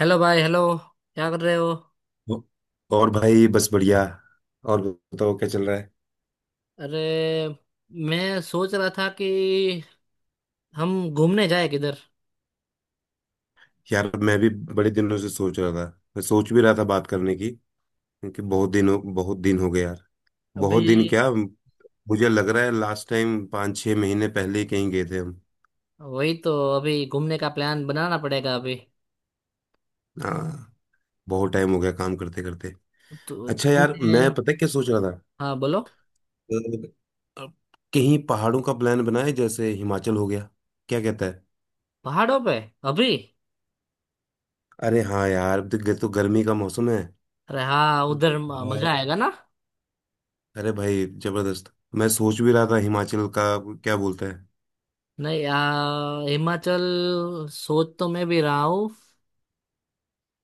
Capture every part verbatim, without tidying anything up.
Hello भाई। Hello, क्या कर रहे हो? और भाई बस बढ़िया। और बताओ क्या चल रहा है। अरे, मैं सोच रहा था कि हम घूमने जाए किधर। यार मैं भी बड़े दिनों से सोच रहा था। मैं सोच भी रहा था बात करने की। क्योंकि बहुत दिन हो बहुत दिन हो गए यार। बहुत अभी? दिन क्या। मुझे लग रहा है लास्ट टाइम पाँच छः महीने पहले ही कहीं गए थे हम। वही तो। अभी घूमने का प्लान बनाना पड़ेगा अभी। हाँ। बहुत टाइम हो गया काम करते करते। तो अच्छा यार तुमने? मैं पता है क्या सोच रहा था। हाँ, बोलो। अ, अ, कहीं पहाड़ों का प्लान बनाए जैसे हिमाचल हो गया। क्या कहता है। पहाड़ों पे? अभी? अरे हाँ यार देख, तो तो गर्मी का मौसम है। अरे हाँ, उधर म- हाँ, मजा आएगा ना। अरे भाई जबरदस्त। मैं सोच भी रहा था हिमाचल का। क्या बोलता है। नहीं, आ, हिमाचल सोच तो मैं भी रहा हूँ।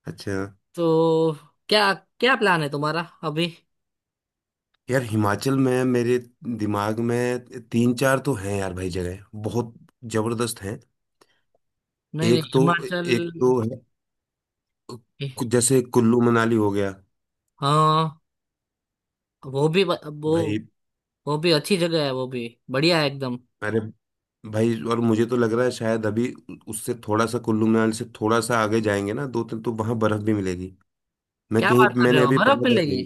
अच्छा तो क्या, क्या प्लान है तुम्हारा अभी? यार हिमाचल में मेरे दिमाग में तीन चार तो हैं यार भाई जगह। बहुत जबरदस्त हैं। नहीं नहीं, एक तो एक हिमाचल। तो है कु- जैसे कुल्लू मनाली हो गया हाँ, वो भी, वो भाई। वो भी अच्छी जगह है, वो भी बढ़िया है एकदम। अरे भाई और मुझे तो लग रहा है शायद अभी उससे थोड़ा सा कुल्लू मनाली से थोड़ा सा आगे जाएंगे ना दो तीन तो वहां बर्फ भी मिलेगी। मैं क्या कहीं बात कर रहे मैंने हो, अभी बर्फ पढ़ा था मिलेगी? कहीं।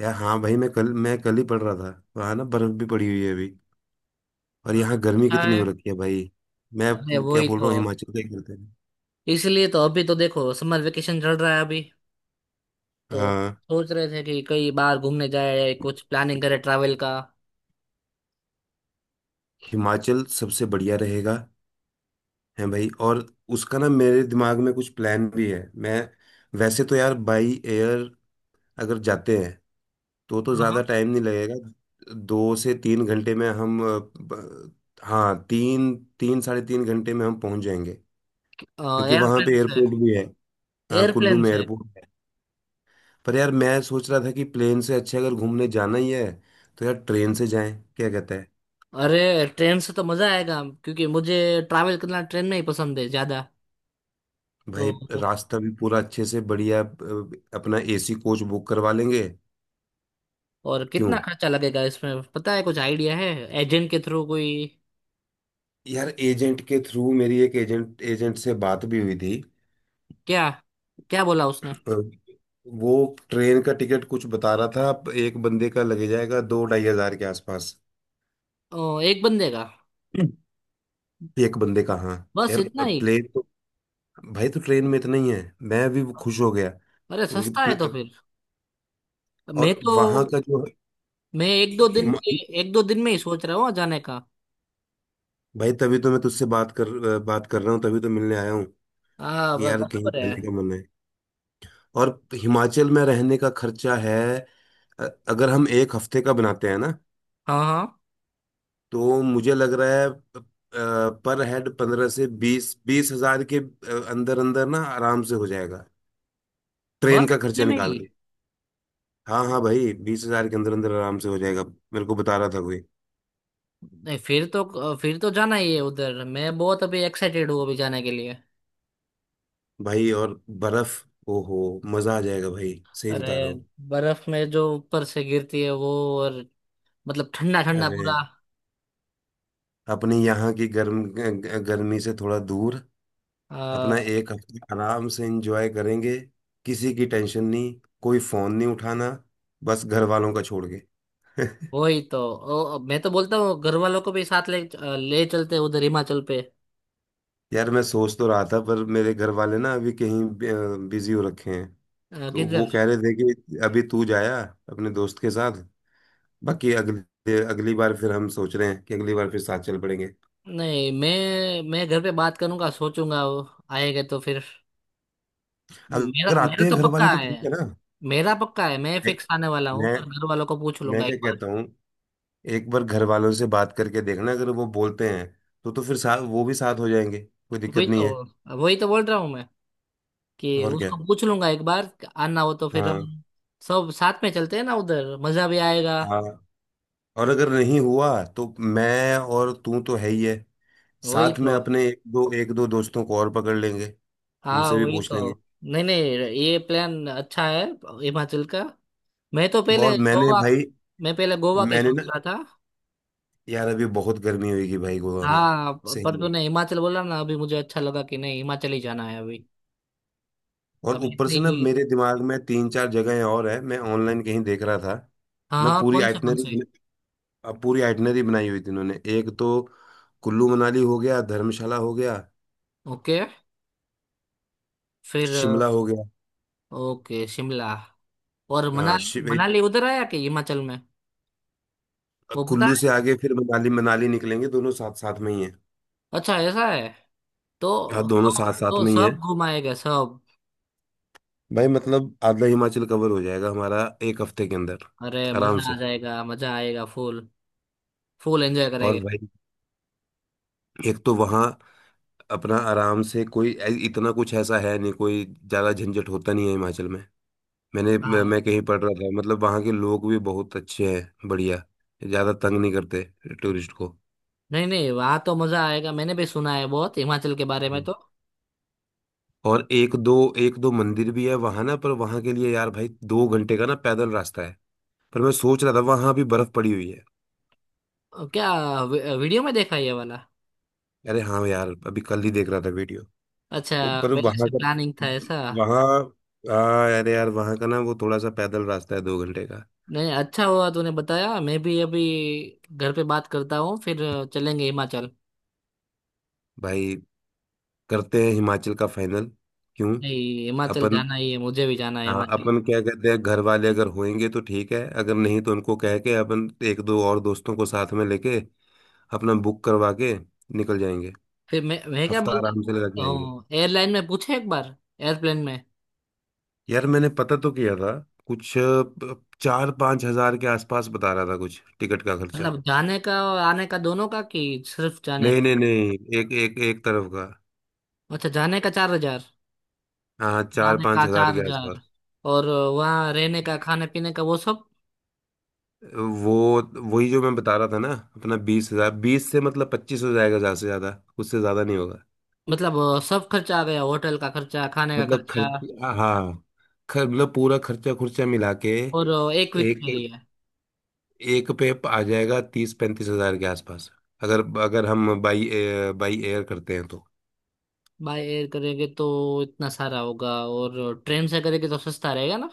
यार हाँ भाई मैं कल मैं कल ही पढ़ रहा था वहाँ ना बर्फ भी पड़ी हुई है अभी। और यहाँ गर्मी अच्छा कितनी है। हो रखी है भाई। मैं अरे क्या वही बोल तो। रहा हूँ हिमाचल का ही करते हैं। इसलिए तो अभी तो देखो, समर वेकेशन चल रहा है अभी। तो हाँ, सोच रहे थे कि कई बार घूमने जाए, कुछ प्लानिंग करे ट्रैवल का। हिमाचल सबसे बढ़िया रहेगा। है भाई। और उसका ना मेरे दिमाग में कुछ प्लान भी है। मैं वैसे तो यार बाई एयर अगर जाते हैं तो तो ज़्यादा हाँ। टाइम नहीं लगेगा दो से तीन घंटे में हम अ, ब- हाँ, तीन तीन साढ़े तीन घंटे में हम पहुंच जाएंगे। क्योंकि वहाँ पे एयरप्लेन से? एयरपोर्ट भी है। हाँ, कुल्लू एयरप्लेन में से? एयरपोर्ट। पर यार मैं सोच रहा था कि प्लेन से अच्छे अगर घूमने जाना ही है तो यार ट्रेन से जाएं। क्या कहता है। अरे ट्रेन से तो मजा आएगा, क्योंकि मुझे ट्रैवल करना ट्रेन में ही पसंद है ज्यादा। भाई तो रास्ता भी पूरा अच्छे से बढ़िया। अ, अपना एसी कोच बुक करवा लेंगे। और क्यों। कितना खर्चा लगेगा इसमें, पता है, कुछ आइडिया है? एजेंट के थ्रू कोई? यार एजेंट के थ्रू मेरी एक एजेंट एजेंट से बात भी हुई थी। क्या, क्या बोला उसने? अ, वो ट्रेन का टिकट कुछ बता रहा था। एक बंदे का लगे जाएगा दो ढाई हज़ार के आसपास। ओ, एक बंदे का? हम्म। एक बंदे का हाँ। बस यार इतना ही? प्लेन तो भाई तो ट्रेन में इतना ही है। मैं भी खुश हो गया। अरे क्योंकि सस्ता है तो प्ल- फिर। मैं और तो, वहां का जो मैं एक दो दिन के, हिमा- एक दो दिन में ही सोच रहा हूँ जाने का। भाई तभी तो मैं तुझसे बात कर बात कर रहा हूँ तभी तो मिलने आया हूँ। हाँ, कि ब- यार कहीं बराबर है। जाने का मन है। और हिमाचल में रहने का खर्चा है। अ- अगर हम एक हफ्ते का बनाते हैं ना हाँ हाँ। तो मुझे लग रहा है पर हेड पंद्रह से बीस बीस हजार के अंदर अंदर ना आराम से हो जाएगा। ट्रेन बस का इतने खर्चा में निकाल ही? के। हाँ हाँ भाई बीस हज़ार के अंदर अंदर आराम से हो जाएगा। मेरे को बता रहा था कोई। नहीं, फिर तो, फिर तो जाना ही है उधर। मैं बहुत अभी एक्साइटेड हूँ, अभी जाने के लिए। भाई और बर्फ ओहो मजा आ जाएगा भाई सही अरे बता रहा हूँ। बर्फ में जो ऊपर से गिरती है वो, और मतलब ठंडा ठंडा अरे पूरा। अपने यहाँ की गर्म ग- गर्मी से थोड़ा दूर आ, अपना एक हफ्ता आराम से एंजॉय करेंगे। किसी की टेंशन नहीं। कोई फोन नहीं उठाना। बस घर वालों का छोड़ के वही तो। ओ, मैं तो बोलता हूँ घर वालों को भी साथ ले, ले चलते हैं उधर हिमाचल पे। यार मैं सोच तो रहा था पर मेरे घर वाले ना अभी कहीं बिजी हो रखे हैं। आ, तो वो किधर? कह रहे थे कि अभी तू जाया अपने दोस्त के साथ। बाकी अगली अगली बार फिर हम सोच रहे हैं कि अगली बार फिर साथ चल पड़ेंगे। नहीं, मैं मैं घर पे बात करूंगा, सोचूंगा, वो आएगा तो फिर। मेरा अगर मेरा आते हैं तो घर पक्का वाले तो है। ठीक है ना। मेरा पक्का है, मैं फिक्स आने वाला हूँ, मैं पर घर वालों को पूछ मैं लूंगा क्या एक बार। कहता हूँ। एक बार घर वालों से बात करके देखना अगर वो बोलते हैं तो तो फिर साथ वो भी साथ हो जाएंगे कोई वही दिक्कत नहीं है। तो वही तो बोल रहा हूँ मैं, कि और क्या। उसको पूछ लूंगा एक बार। आना हो तो फिर हम हाँ सब साथ में चलते हैं ना, उधर मजा भी आएगा। हाँ। और अगर नहीं हुआ तो मैं और तू तो है ही है। वही साथ में तो। अपने एक दो एक दो दोस्तों को और पकड़ लेंगे। हाँ, उनसे भी वही पूछ लेंगे। तो। नहीं नहीं, ये प्लान अच्छा है, हिमाचल का। मैं तो और पहले मैंने गोवा, भाई मैं पहले गोवा के मैंने ना सोच रहा था। यार अभी बहुत गर्मी होगी भाई गोवा में। हाँ, प- पर सही में। तूने हिमाचल बोला ना अभी, मुझे अच्छा लगा कि नहीं, हिमाचल ही जाना है अभी। और अभी ऊपर से ना नहीं। मेरे दिमाग में तीन चार जगहें और है मैं ऑनलाइन कहीं देख रहा था। हाँ ना हाँ, पूरी कौन से कौन से? आइटनरी अब पूरी आइटनरी बनाई हुई थी इन्होंने एक तो कुल्लू मनाली हो गया धर्मशाला हो गया ओके, फिर अ, शिमला हो गया। ओके, शिमला। और हाँ मनाली, शिव मनाली उधर आया कि हिमाचल में? वो बता। कुल्लू से आगे फिर मनाली मनाली निकलेंगे दोनों साथ साथ में ही है। अच्छा, ऐसा है? हाँ तो दोनों तो साथ साथ तो में ही है। सब घुमाएगा सब? भाई मतलब आधा हिमाचल कवर हो जाएगा हमारा एक हफ्ते के अंदर अरे आराम मजा आ से। जाएगा, मजा आएगा फुल। फुल एंजॉय और करेंगे। भाई एक तो वहाँ अपना आराम से कोई ऐ- इतना कुछ ऐसा है नहीं कोई ज्यादा झंझट होता नहीं है हिमाचल में। मैंने मैं हाँ। मैं कहीं पढ़ रहा था मतलब वहाँ के लोग भी बहुत अच्छे हैं बढ़िया। ज़्यादा तंग नहीं करते टूरिस्ट को। नहीं नहीं, वहाँ तो मजा आएगा, मैंने भी सुना है बहुत हिमाचल के बारे में हम्म। तो। और एक दो एक दो मंदिर भी है वहाँ ना पर वहाँ के लिए यार भाई दो घंटे का ना पैदल रास्ता है। पर मैं सोच रहा था वहाँ भी बर्फ पड़ी हुई है। अ, क्या? वी- वीडियो में देखा ये वाला? अरे हाँ यार अभी कल ही देख रहा था वीडियो। अच्छा, तो पर पहले वहाँ से का प्लानिंग था ऐसा? वहाँ, हाँ अरे यार वहाँ का ना वो थोड़ा सा पैदल रास्ता है दो घंटे का। नहीं, अच्छा हुआ तूने बताया। मैं भी अभी घर पे बात करता हूँ, फिर चलेंगे हिमाचल। भाई करते हैं हिमाचल का फाइनल। क्यों। नहीं, हिमाचल अपन, जाना ही है, मुझे भी जाना है हाँ हिमाचल। अपन क्या कहते हैं घर वाले अगर होंगे तो ठीक है अगर नहीं तो उनको कह के अपन एक दो और दोस्तों को साथ में लेके अपना बुक करवा के निकल जाएंगे। फिर मैं मैं क्या हफ्ता बोलता आराम से लगा के आएंगे। हूँ, एयरलाइन में पूछे एक बार। एयरप्लेन में। यार मैंने पता तो किया था कुछ अ, चार पाँच हज़ार के आसपास बता रहा था कुछ टिकट का खर्चा। मतलब जाने का और आने का दोनों का, कि सिर्फ जाने नहीं का? नहीं नहीं, एक एक एक तरफ का। अच्छा, जाने का चार हजार। हाँ हाँ, चार जाने पाँच का हजार चार के हजार आसपास। और वहाँ रहने का, खाने पीने का, वो सब? वो वही जो मैं बता रहा था ना अपना बीस हज़ार बीस से मतलब पच्चीस हो जाएगा ज्यादा से ज्यादा उससे ज्यादा नहीं होगा। मतलब, सब खर्चा आ गया, होटल का खर्चा, खाने का मतलब खर्चा, खर्च हाँ खर- मतलब पूरा खर्चा खुर्चा मिला के और एक वीक एक के लिए? एक पे आ जाएगा तीस पैंतीस हज़ार के आसपास अगर अगर हम बाई बाई एयर करते हैं तो। बाय एयर करेंगे तो इतना सारा होगा, और ट्रेन से करेंगे तो सस्ता रहेगा ना।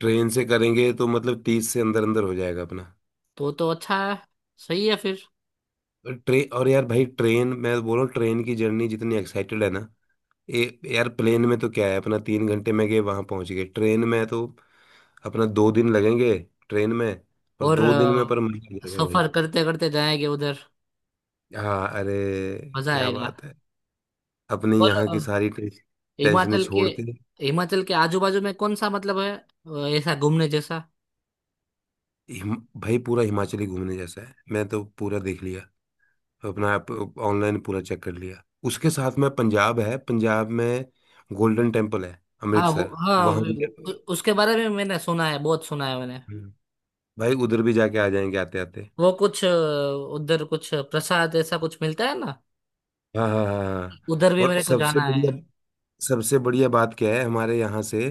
ट्रेन से करेंगे तो मतलब तीस से अंदर अंदर हो जाएगा अपना। तो तो अच्छा है। सही है फिर। ट्रेन और यार भाई ट्रेन मैं बोल रहा हूँ ट्रेन की जर्नी जितनी एक्साइटेड है ना। ए, यार प्लेन में तो क्या है अपना तीन घंटे में गए वहां पहुंच गए ट्रेन में तो अपना दो दिन लगेंगे ट्रेन में और और दो दिन में पर मजा आ अ, जाएगा भाई। सफर करते करते जाएंगे उधर। हाँ अरे मजा क्या आएगा। बात है। अपने और यहाँ अ, की सारी टेंश- टेंशनें हिमाचल के छोड़ के। हिमाचल के आजू बाजू में कौन सा मतलब है, अ, ऐसा घूमने जैसा? हिम, भाई पूरा हिमाचली घूमने जैसा है मैं तो पूरा देख लिया अपना आप ऑनलाइन पूरा चेक कर लिया उसके साथ में पंजाब है पंजाब में गोल्डन टेम्पल है हाँ, वो, अमृतसर। हाँ, वहाँ भी जा- वो- उ- उसके बारे में मैंने सुना है, बहुत सुना है मैंने। हम्म, भाई उधर भी जाके आ जाएंगे आते आते। वो कुछ अ, उधर कुछ प्रसाद ऐसा कुछ मिलता है ना? हाँ हाँ हाँ हाँ। उधर भी और मेरे को सबसे जाना है। बढ़िया सबसे बढ़िया बात क्या है हमारे यहाँ से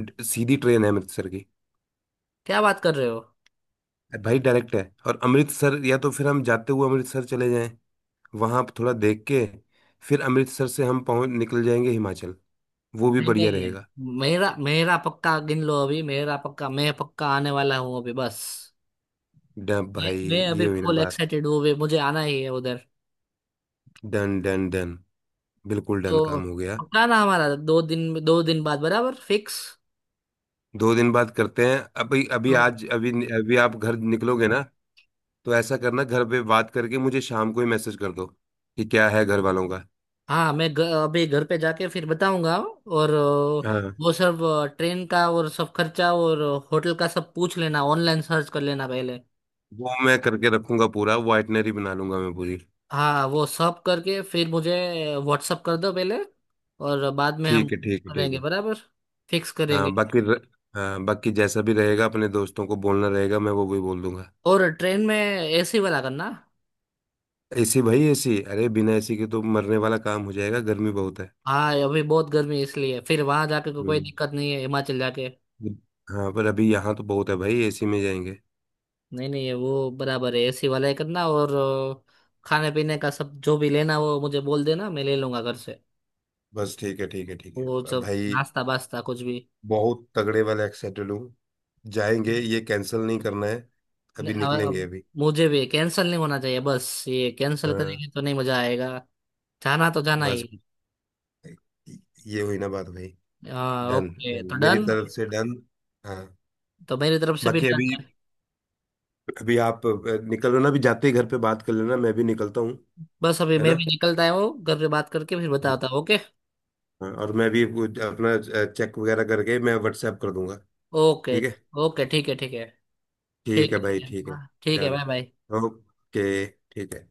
ड- सीधी ट्रेन है अमृतसर की। क्या बात कर रहे हो! भाई डायरेक्ट है। और अमृतसर या तो फिर हम जाते हुए अमृतसर चले जाएं वहाँ आप थोड़ा देख के फिर अमृतसर से हम पहुँच निकल जाएंगे हिमाचल। वो भी नहीं बढ़िया रहेगा। नहीं, मेरा मेरा पक्का, गिन लो अभी मेरा पक्का, मैं पक्का आने वाला हूँ अभी बस। डन मैं भाई मैं अभी ये हुई ना फुल बात। एक्साइटेड हूँ, अभी मुझे आना ही है उधर। Done done done. बिल्कुल डन तो काम हो गया। पक्का ना हमारा, दो दिन, दो दिन बाद बराबर फिक्स। दो दिन बाद करते हैं अभी अभी तो आज अभी। अभी आप घर निकलोगे ना तो ऐसा करना घर पे बात करके मुझे शाम को ही मैसेज कर दो कि क्या है घर वालों का। हाँ, मैं घ- अभी घर पे जाके फिर बताऊंगा, और अ, हाँ वो सब, ट्रेन का और सब खर्चा, और होटल का, सब पूछ लेना, ऑनलाइन सर्च कर लेना पहले। वो मैं करके रखूंगा पूरा वो आइटनरी बना लूंगा मैं पूरी। हाँ, वो सब करके फिर मुझे व्हाट्सअप कर दो पहले, और बाद में हम ठीक है ठीक है ठीक करेंगे है। बराबर, फिक्स करेंगे। हाँ बाकी र- हाँ बाकी जैसा भी रहेगा अपने दोस्तों को बोलना रहेगा मैं वो भी बोल दूंगा। और ट्रेन में एसी वाला करना। एसी भाई एसी अरे बिना एसी के तो मरने वाला काम हो जाएगा गर्मी बहुत है। हाँ, अभी बहुत गर्मी है, इसलिए फिर वहां जाके को कोई हम्म, दिक्कत नहीं है, हिमाचल जाके। हाँ पर अभी यहाँ तो बहुत है भाई एसी में जाएंगे। नहीं नहीं, ये वो बराबर है, एसी वाला ही करना, और अ, खाने पीने का सब जो भी लेना, वो मुझे बोल देना, मैं ले लूंगा घर से। बस ठीक है ठीक है ठीक वो है सब भाई। नाश्ता वास्ता कुछ भी। बहुत तगड़े वाले एक्साइटेड हूँ। जाएंगे नहीं, ये कैंसिल नहीं करना है। नहीं, अभी अब- निकलेंगे अब अभी। मुझे भी कैंसिल नहीं होना चाहिए, बस ये कैंसिल हाँ, करेंगे तो नहीं मजा आएगा। जाना तो जाना ही। बस ये हुई ना बात भाई। हाँ डन ओके, डन तो मेरी डन। तरफ से डन। हाँ तो मेरी तरफ से भी बाकी डन अभी है। अभी आप अ, निकल रहे हो ना अभी जाते ही घर पे बात कर लेना मैं भी निकलता हूँ। बस अभी है मैं ना। भी निकलता हूँ, घर पे बात करके फिर बताता हूँ, ओके। हाँ, और मैं भी वो अपना चेक वगैरह करके मैं व्हाट्सएप कर दूंगा। ओके ठीक है। ओके, ठीक है, ठीक है ठीक ठीक है भाई है, ठीक है। हाँ, ठीक है, डन बाय बाय। ओके ठीक है।